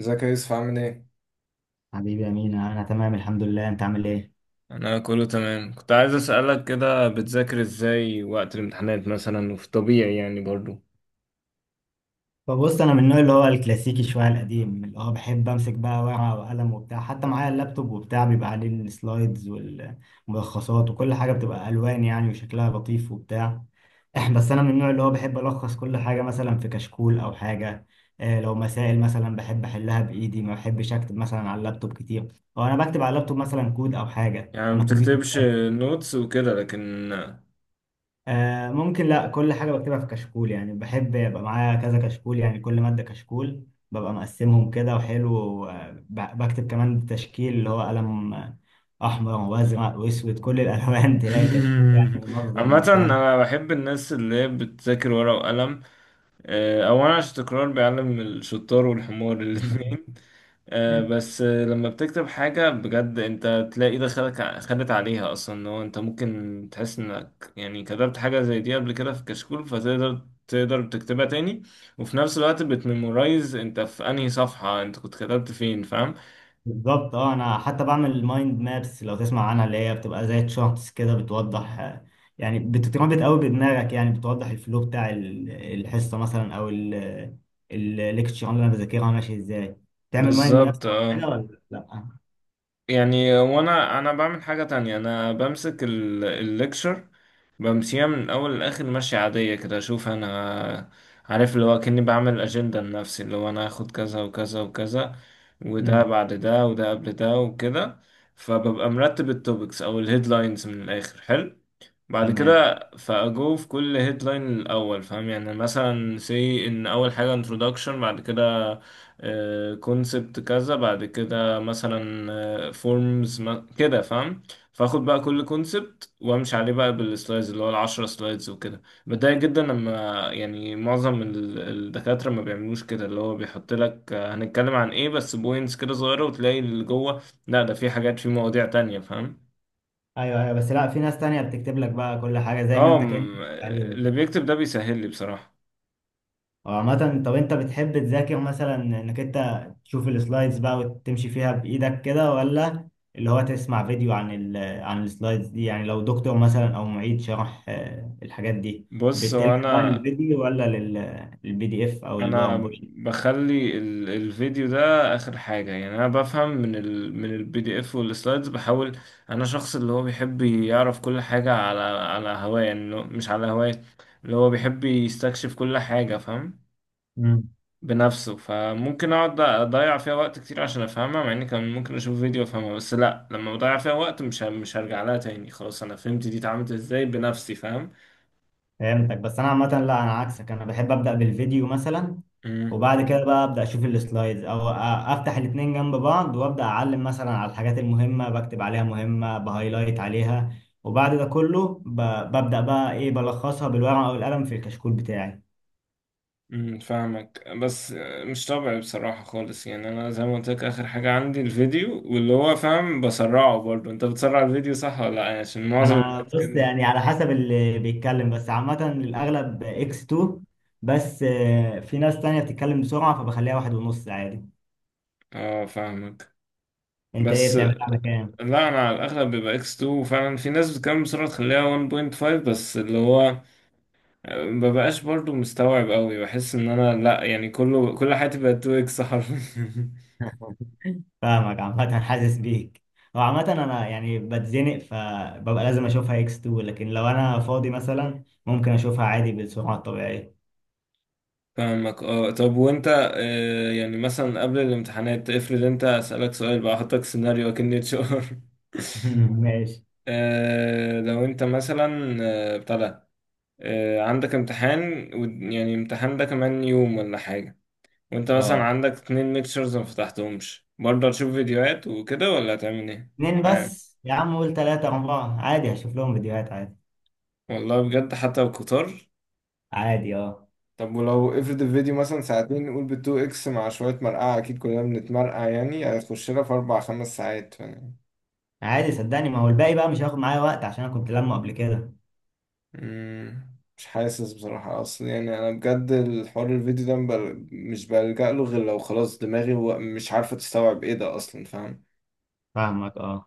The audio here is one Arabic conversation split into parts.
ازيك يا يوسف عامل ايه؟ حبيبي يا مينا، انا تمام الحمد لله، انت عامل ايه؟ انا كله تمام، كنت عايز اسالك كده بتذاكر ازاي وقت الامتحانات مثلا وفي طبيعي يعني برضو. فبص، انا من النوع اللي هو الكلاسيكي شويه القديم، اللي هو بحب امسك بقى ورقه وقلم وبتاع، حتى معايا اللابتوب وبتاع بيبقى عليه السلايدز والملخصات، وكل حاجه بتبقى الوان يعني وشكلها لطيف وبتاع. بس انا من النوع اللي هو بحب الخص كل حاجه مثلا في كشكول او حاجه. لو مسائل مثلا بحب احلها بايدي، ما بحبش اكتب مثلا على اللابتوب كتير، او انا بكتب على اللابتوب مثلا كود او حاجه، يعني ما انا بتكتبش كمبيوتر. نوتس وكده لكن آه ممكن، لا، كل حاجة بكتبها في كشكول يعني، بحب يبقى معايا كذا كشكول، يعني كل مادة كشكول. ببقى مقسمهم كده وحلو بكتب كمان تشكيل، اللي هو قلم أحمر وأزرق وأسود، كل الألوان. تلاقي الكشكول يعني منظم عامه وبتاع. انا بحب الناس اللي هي بتذاكر ورقه وقلم. اولا عشان التكرار بيعلم الشطار والحمار الاثنين. آه، بس آه، لما بتكتب حاجة بجد انت تلاقي ايدك خدت عليها اصلا ان هو انت ممكن تحس انك يعني كتبت حاجة زي دي قبل كده في كشكول فتقدر تكتبها تاني، وفي نفس الوقت بتميمورايز انت في انهي صفحة انت كنت كتبت فين، فاهم؟ بالظبط اه، انا حتى بعمل مايند مابس، لو تسمع عنها، اللي هي بتبقى زي تشارتس كده بتوضح، يعني بتتربط قوي بدماغك، يعني بتوضح الفلو بتاع الحصه مثلا، او الليكتشر اللي انا بذاكرها ماشي ازاي. تعمل مايند بالظبط مابس او حاجه اه. ولا لا؟ يعني وانا بعمل حاجة تانية، انا بمسك الليكشر بمشيها من الاول لاخر ماشية عادية كده، اشوف انا عارف اللي هو كأني بعمل اجندة لنفسي اللي هو انا هاخد كذا وكذا وكذا، وده امم. بعد ده وده قبل ده وكده. فببقى مرتب التوبكس او الهيدلاينز من الاخر، حلو. بعد تمام. كده فأجو في كل هيدلاين الأول، فاهم؟ يعني مثلا سي إن أول حاجة introduction، بعد كده كونسبت كذا، بعد كده مثلا فورمز كده، فاهم؟ فاخد بقى كل كونسبت وامشي عليه بقى بالسلايدز اللي هو العشرة سلايدز وكده. بتضايق جدا لما يعني معظم الدكاترة ما بيعملوش كده، اللي هو بيحط لك هنتكلم عن ايه، بس بوينتس كده صغيرة، وتلاقي اللي جوه لا ده في حاجات في مواضيع تانية، فاهم؟ ايوه ايوه، بس لا، في ناس تانية بتكتب لك بقى كل حاجه، زي ما اه انت كانك م- مشيت عليهم. اللي بيكتب ده بيسهل لي بصراحة. وعامة، طب انت بتحب تذاكر مثلا انك انت تشوف السلايدز بقى وتمشي فيها بايدك كده، ولا اللي هو تسمع فيديو عن عن السلايدز دي؟ يعني لو دكتور مثلا او معيد شرح الحاجات دي، بص هو بتلجأ بقى انا، للفيديو ولا للبي دي اف او الباوربوينت؟ بخلي الفيديو ده اخر حاجة، يعني انا بفهم من ال من البي دي اف والسلايدز. بحاول انا شخص اللي هو بيحب يعرف كل حاجة على على هواه، يعني اللي هو- مش على هواه اللي هو بيحب يستكشف كل حاجة، فاهم؟ بنفسه، فممكن اقعد اضيع فيها وقت كتير عشان افهمها، مع اني كان ممكن اشوف فيديو افهمها. بس لا، لما بضيع فيها وقت مش هرجع لها تاني، خلاص انا فهمت دي اتعملت ازاي بنفسي، فاهم؟ فهمتك. بس انا عامه لا، انا عكسك، انا بحب ابدا بالفيديو مثلا، مم. وبعد كده بقى ابدا اشوف السلايدز، افتح الاتنين جنب بعض، وابدا اعلم مثلا على الحاجات المهمه، بكتب عليها مهمه، بهايلايت عليها، وبعد ده كله ببدا بقى ايه، بلخصها بالورقه والقلم في الكشكول بتاعي. فاهمك. بس مش طبيعي بصراحة خالص، يعني أنا زي ما قلت لك آخر حاجة عندي الفيديو، واللي هو فاهم بسرعه. برضه أنت بتسرع الفيديو صح ولا لأ؟ يعني عشان معظم انا الناس بص، كده. يعني على حسب اللي بيتكلم، بس عامه الاغلب اكس 2، بس في ناس تانية بتتكلم بسرعه فبخليها واحد ونص عادي. اه فاهمك. انت ايه بس بتعملها على كام؟ لا، أنا على الأغلب بيبقى إكس 2، وفعلا في ناس بتتكلم بسرعة تخليها 1.5، بس اللي هو مببقاش برضه مستوعب أوي، بحس إن أنا لأ، يعني كله كل حياتي بقت 2 إكس حرفيا فاهمك. عامة حاسس بيك. هو عامة أنا يعني بتزنق فببقى لازم أشوفها إكس 2، لكن لو أنا فاضي مثلا ممكن أشوفها عادي بالسرعة الطبيعية. فاهمك اه. طب وانت يعني مثلا قبل الامتحانات افرض انت، اسألك سؤال بقى، احطك سيناريو اكن اتش ار ماشي. لو انت مثلا آه، بتاع ده آه، عندك امتحان يعني امتحان ده كمان يوم ولا حاجة، وانت مثلا اه، عندك اتنين ليكتشرز ما فتحتهمش، برضه هتشوف فيديوهات وكده ولا هتعمل ايه؟ اتنين معاك بس يا عم؟ قول تلاتة أربعة عادي، هشوف لهم فيديوهات عادي. والله بجد حتى القطار. عادي أه. طب ولو افرض الفيديو مثلا ساعتين، نقول بالتو اكس مع شوية مرقعة أكيد كلنا بنتمرقع، يعني هتخش لها في أربع خمس ساعات. عادي، صدقني، ما هو الباقي بقى مش هياخد معايا وقت عشان أنا كنت لمه قبل كده. مم. مش حاسس بصراحة، أصل يعني أنا بجد الحوار الفيديو ده مش بلجأ له غير لو خلاص دماغي مش عارفة تستوعب إيه ده أصلا، فاهم؟ فاهمك أه.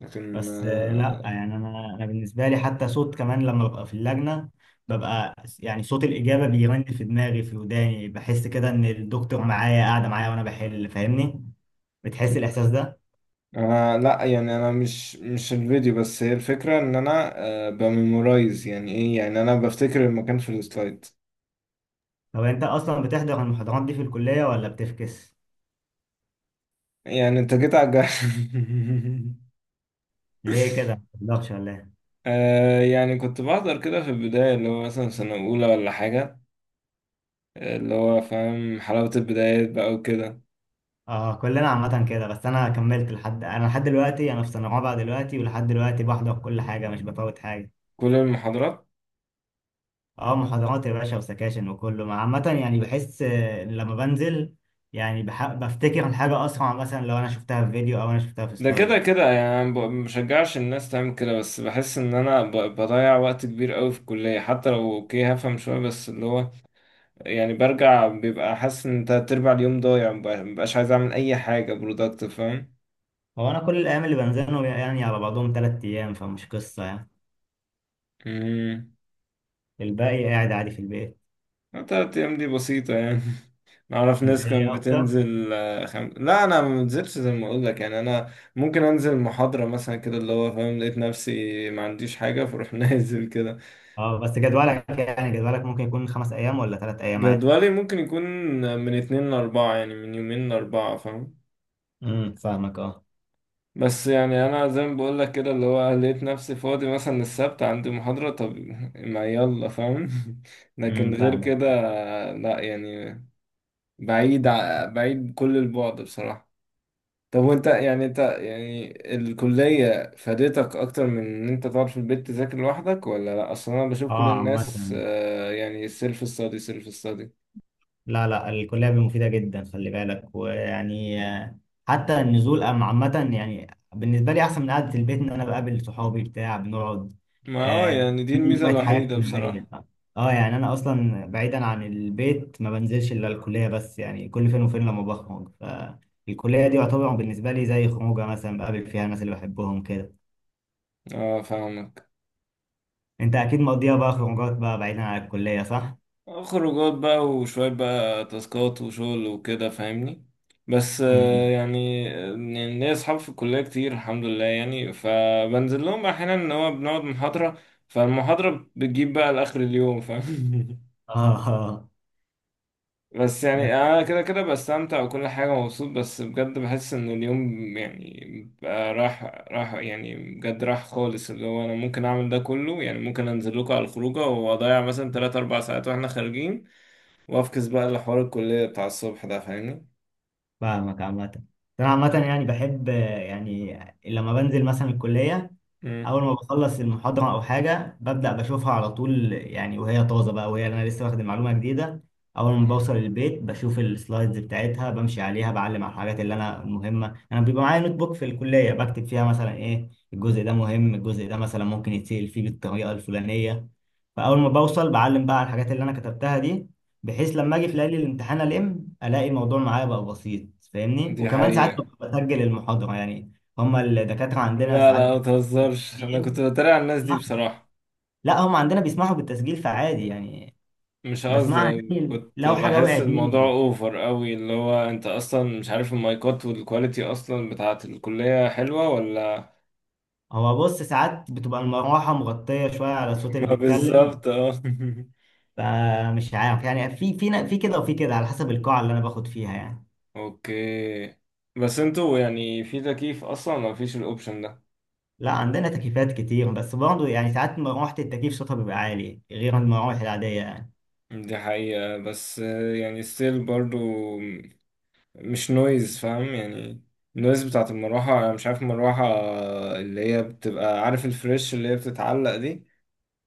لكن بس لا، يعني انا بالنسبه لي حتى صوت كمان، لما ببقى في اللجنه ببقى يعني صوت الاجابه بيرن في دماغي في وداني، بحس كده ان الدكتور معايا قاعده معايا وانا بحل، فاهمني؟ بتحس الاحساس ده؟ أنا لأ، يعني أنا مش الفيديو بس، هي الفكرة إن أنا بميمورايز يعني إيه، يعني أنا بفتكر المكان في السلايد. طب انت اصلا بتحضر المحاضرات دي في الكليه ولا بتفكس؟ يعني أنت جيت على الجرح. ليه كده، ما بتحضرش ولا ايه؟ آه، يعني كنت بحضر كده في البداية اللي هو مثلا سنة أولى ولا حاجة، اللي هو فاهم حلاوة البدايات بقى وكده. اه، كلنا عامه كده. بس انا كملت لحد، انا لحد دلوقتي انا في سنه رابعه دلوقتي، ولحد دلوقتي بحضر كل حاجه، مش بفوت حاجه. كل المحاضرات؟ اه محاضرات يا باشا وسكاشن وكله عامة يعني بحس لما بنزل، يعني بفتكر الحاجة أسرع، مثلا لو أنا شفتها في فيديو أو أنا شفتها في ده كده سلايد. كده يعني أنا مشجعش الناس تعمل كده، بس بحس ان انا بضيع وقت كبير قوي في الكلية. حتى لو اوكي هفهم شوية، بس اللي هو يعني برجع بيبقى حاسس ان تلات ارباع اليوم ضايع، مبقاش عايز اعمل اي حاجة برودكتيف، فاهم؟ هو أنا كل الأيام اللي بنزلهم يعني على بعضهم تلات أيام، فمش قصة يعني. امم. الباقي قاعد عادي في البيت. تلات ايام دي بسيطة يعني نعرف أنت ناس إيه كانت أكتر؟ بتنزل. لا انا ما بنزلش زي ما اقول لك، يعني انا ممكن انزل محاضرة مثلا كده اللي هو فاهم لقيت نفسي ما عنديش حاجة، فاروح نازل كده. اه بس جدولك، يعني جدولك ممكن يكون خمس أيام ولا تلات أيام عادي. جدولي ممكن يكون من اتنين لأربعة، يعني من يومين لأربعة، فاهم؟ فاهمك اه. بس يعني أنا زي ما بقولك كده اللي هو لقيت نفسي فاضي، مثلا السبت عندي محاضرة، طب ما يلا فاهم لكن غير فاهمك كده، اه. لأ يعني بعيد كل البعد بصراحة. طب وانت، يعني انت يعني الكلية فادتك أكتر من إن أنت تقعد في البيت تذاكر لوحدك ولا لأ؟ أصل أنا بشوف كل اه الناس عامة. يعني سيلف ستادي سيلف ستادي. لا لا، الكلية مفيدة جدا، خلي بالك. ويعني حتى النزول عامة يعني بالنسبة لي أحسن من قعدة البيت، إن أنا بقابل صحابي بتاع بنقعد. ما اه، آه، يعني دي عندي الميزة شوية حياة الوحيدة اجتماعية. بصراحة. اه يعني أنا أصلا بعيدا عن البيت ما بنزلش إلا الكلية بس، يعني كل فين وفين لما بخرج، فالكلية دي يعتبر بالنسبة لي زي خروجة، مثلا بقابل فيها الناس اللي بحبهم كده. اه فاهمك. أنت أكيد مقضيها بقى خروجات بقى بعيدا عن الكلية صح؟ خروجات بقى، وشوية بقى تاسكات وشغل وكده، فاهمني؟ بس مم. يعني ليا أصحاب في الكلية كتير الحمد لله، يعني فبنزل لهم بقى أحيانا إن هو بنقعد محاضرة، فالمحاضرة بتجيب بقى لآخر اليوم، فاهم؟ اه آه. بس بس يعني أنا كده كده بستمتع وكل حاجة مبسوط، بس بجد بحس إن اليوم يعني بقى راح. راح يعني بجد راح خالص، اللي هو أنا ممكن أعمل ده كله، يعني ممكن أنزل لكم على الخروجة وأضيع مثلا تلات أربع ساعات وإحنا خارجين، وافكس بقى لحوار الكلية بتاع الصبح ده، فاهمني؟ فاهمك عامة. أنا عامة يعني بحب، يعني لما بنزل مثلا الكلية، امم. أول ما بخلص المحاضرة أو حاجة ببدأ بشوفها على طول، يعني وهي طازة بقى، وهي أنا لسه واخد معلومة جديدة. أول ما بوصل البيت بشوف السلايدز بتاعتها، بمشي عليها، بعلم على الحاجات اللي أنا مهمة. أنا بيبقى معايا نوت بوك في الكلية بكتب فيها مثلا إيه الجزء ده مهم، الجزء ده مثلا ممكن يتسأل فيه بالطريقة الفلانية. فاول ما بوصل بعلم بقى على الحاجات اللي انا كتبتها دي، بحيث لما اجي في ليالي الامتحان الاقي الموضوع معايا بقى بسيط، فاهمني؟ دي وكمان ساعات حقيقة. ببقى بسجل المحاضره يعني. هما الدكاتره عندنا لا ساعات لا ما تهزرش، انا كنت بتسجيل بتريق على الناس دي بيسمحوا؟ بصراحة. لا هما عندنا بيسمحوا بالتسجيل فعادي يعني، مش قصدي، بسمعها يعني تاني كنت لو حاجه بحس وقعت الموضوع مني. اوفر قوي، اللي هو انت اصلا مش عارف المايكات والكواليتي اصلا بتاعة الكلية حلوة ولا هو بص، ساعات بتبقى المروحه مغطيه شويه على الصوت اللي ما بيتكلم، بالظبط اه. فمش عارف يعني في كده وفي كده، على حسب القاعه اللي انا باخد فيها يعني. اوكي. بس انتوا يعني في تكييف اصلا، ما فيش الاوبشن ده؟ لا عندنا تكييفات كتير، بس برضه يعني ساعات مروحة التكييف صوتها بيبقى عالي غير المراوح العادية يعني. دي حقيقة. بس يعني ستيل برضو مش نويز، فاهم يعني؟ النويز بتاعت المروحة، أنا مش عارف المروحة اللي هي بتبقى، عارف الفريش اللي هي بتتعلق دي؟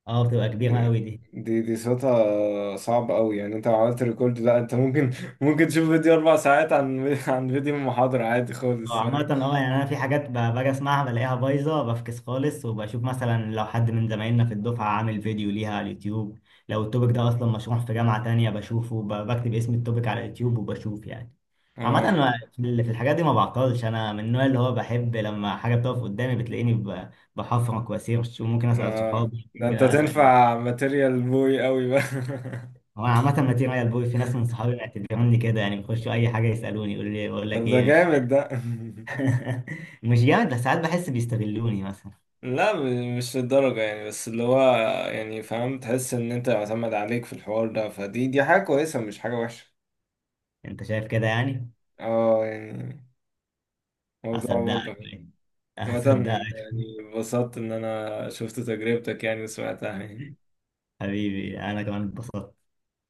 اه بتبقى كبيرة دي، قوي دي. دي صوتها صعب قوي، يعني انت لو عملت ريكورد لا انت ممكن ممكن تشوف فيديو أربع ساعات عن فيديو محاضرة عادي خالص، اه عامة فاهم؟ اه، يعني أنا في حاجات باجي أسمعها بلاقيها بايظة بفكس خالص، وبشوف مثلا لو حد من زمايلنا في الدفعة عامل فيديو ليها على اليوتيوب. لو التوبيك ده أصلا مشروح في جامعة تانية بشوفه، بكتب اسم التوبيك على اليوتيوب وبشوف يعني. عامة اه. أنا في في الحاجات دي ما بعطلش، أنا من النوع اللي هو بحب لما حاجة بتقف قدامي بتلاقيني بحفرك وأسيرش، وممكن أسأل اه صحابي، ده ممكن انت أسأل. تنفع ماتيريال بوي قوي بقى هو أنا عامة متين على البوي، في ناس من صحابي معتبروني كده يعني، بيخشوا أي حاجة يسألوني، يقول لي بقول لك طب ده إيه مش. جامد ده مش جامد، بس ساعات بحس بيستغلوني مثلا. لا م- مش للدرجة يعني، بس اللي هو يعني فاهم تحس ان انت معتمد عليك في الحوار ده، فدي حاجة كويسة مش حاجة وحشة. أنت شايف كده يعني؟ اه يعني موضوع برضه. هصدقك عامة هصدقك. يعني اتبسطت ان انا شفت تجربتك يعني وسمعتها يعني. حبيبي، أنا كمان اتبسطت.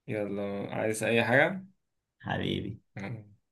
يلا، عايز اي حاجة؟ حبيبي.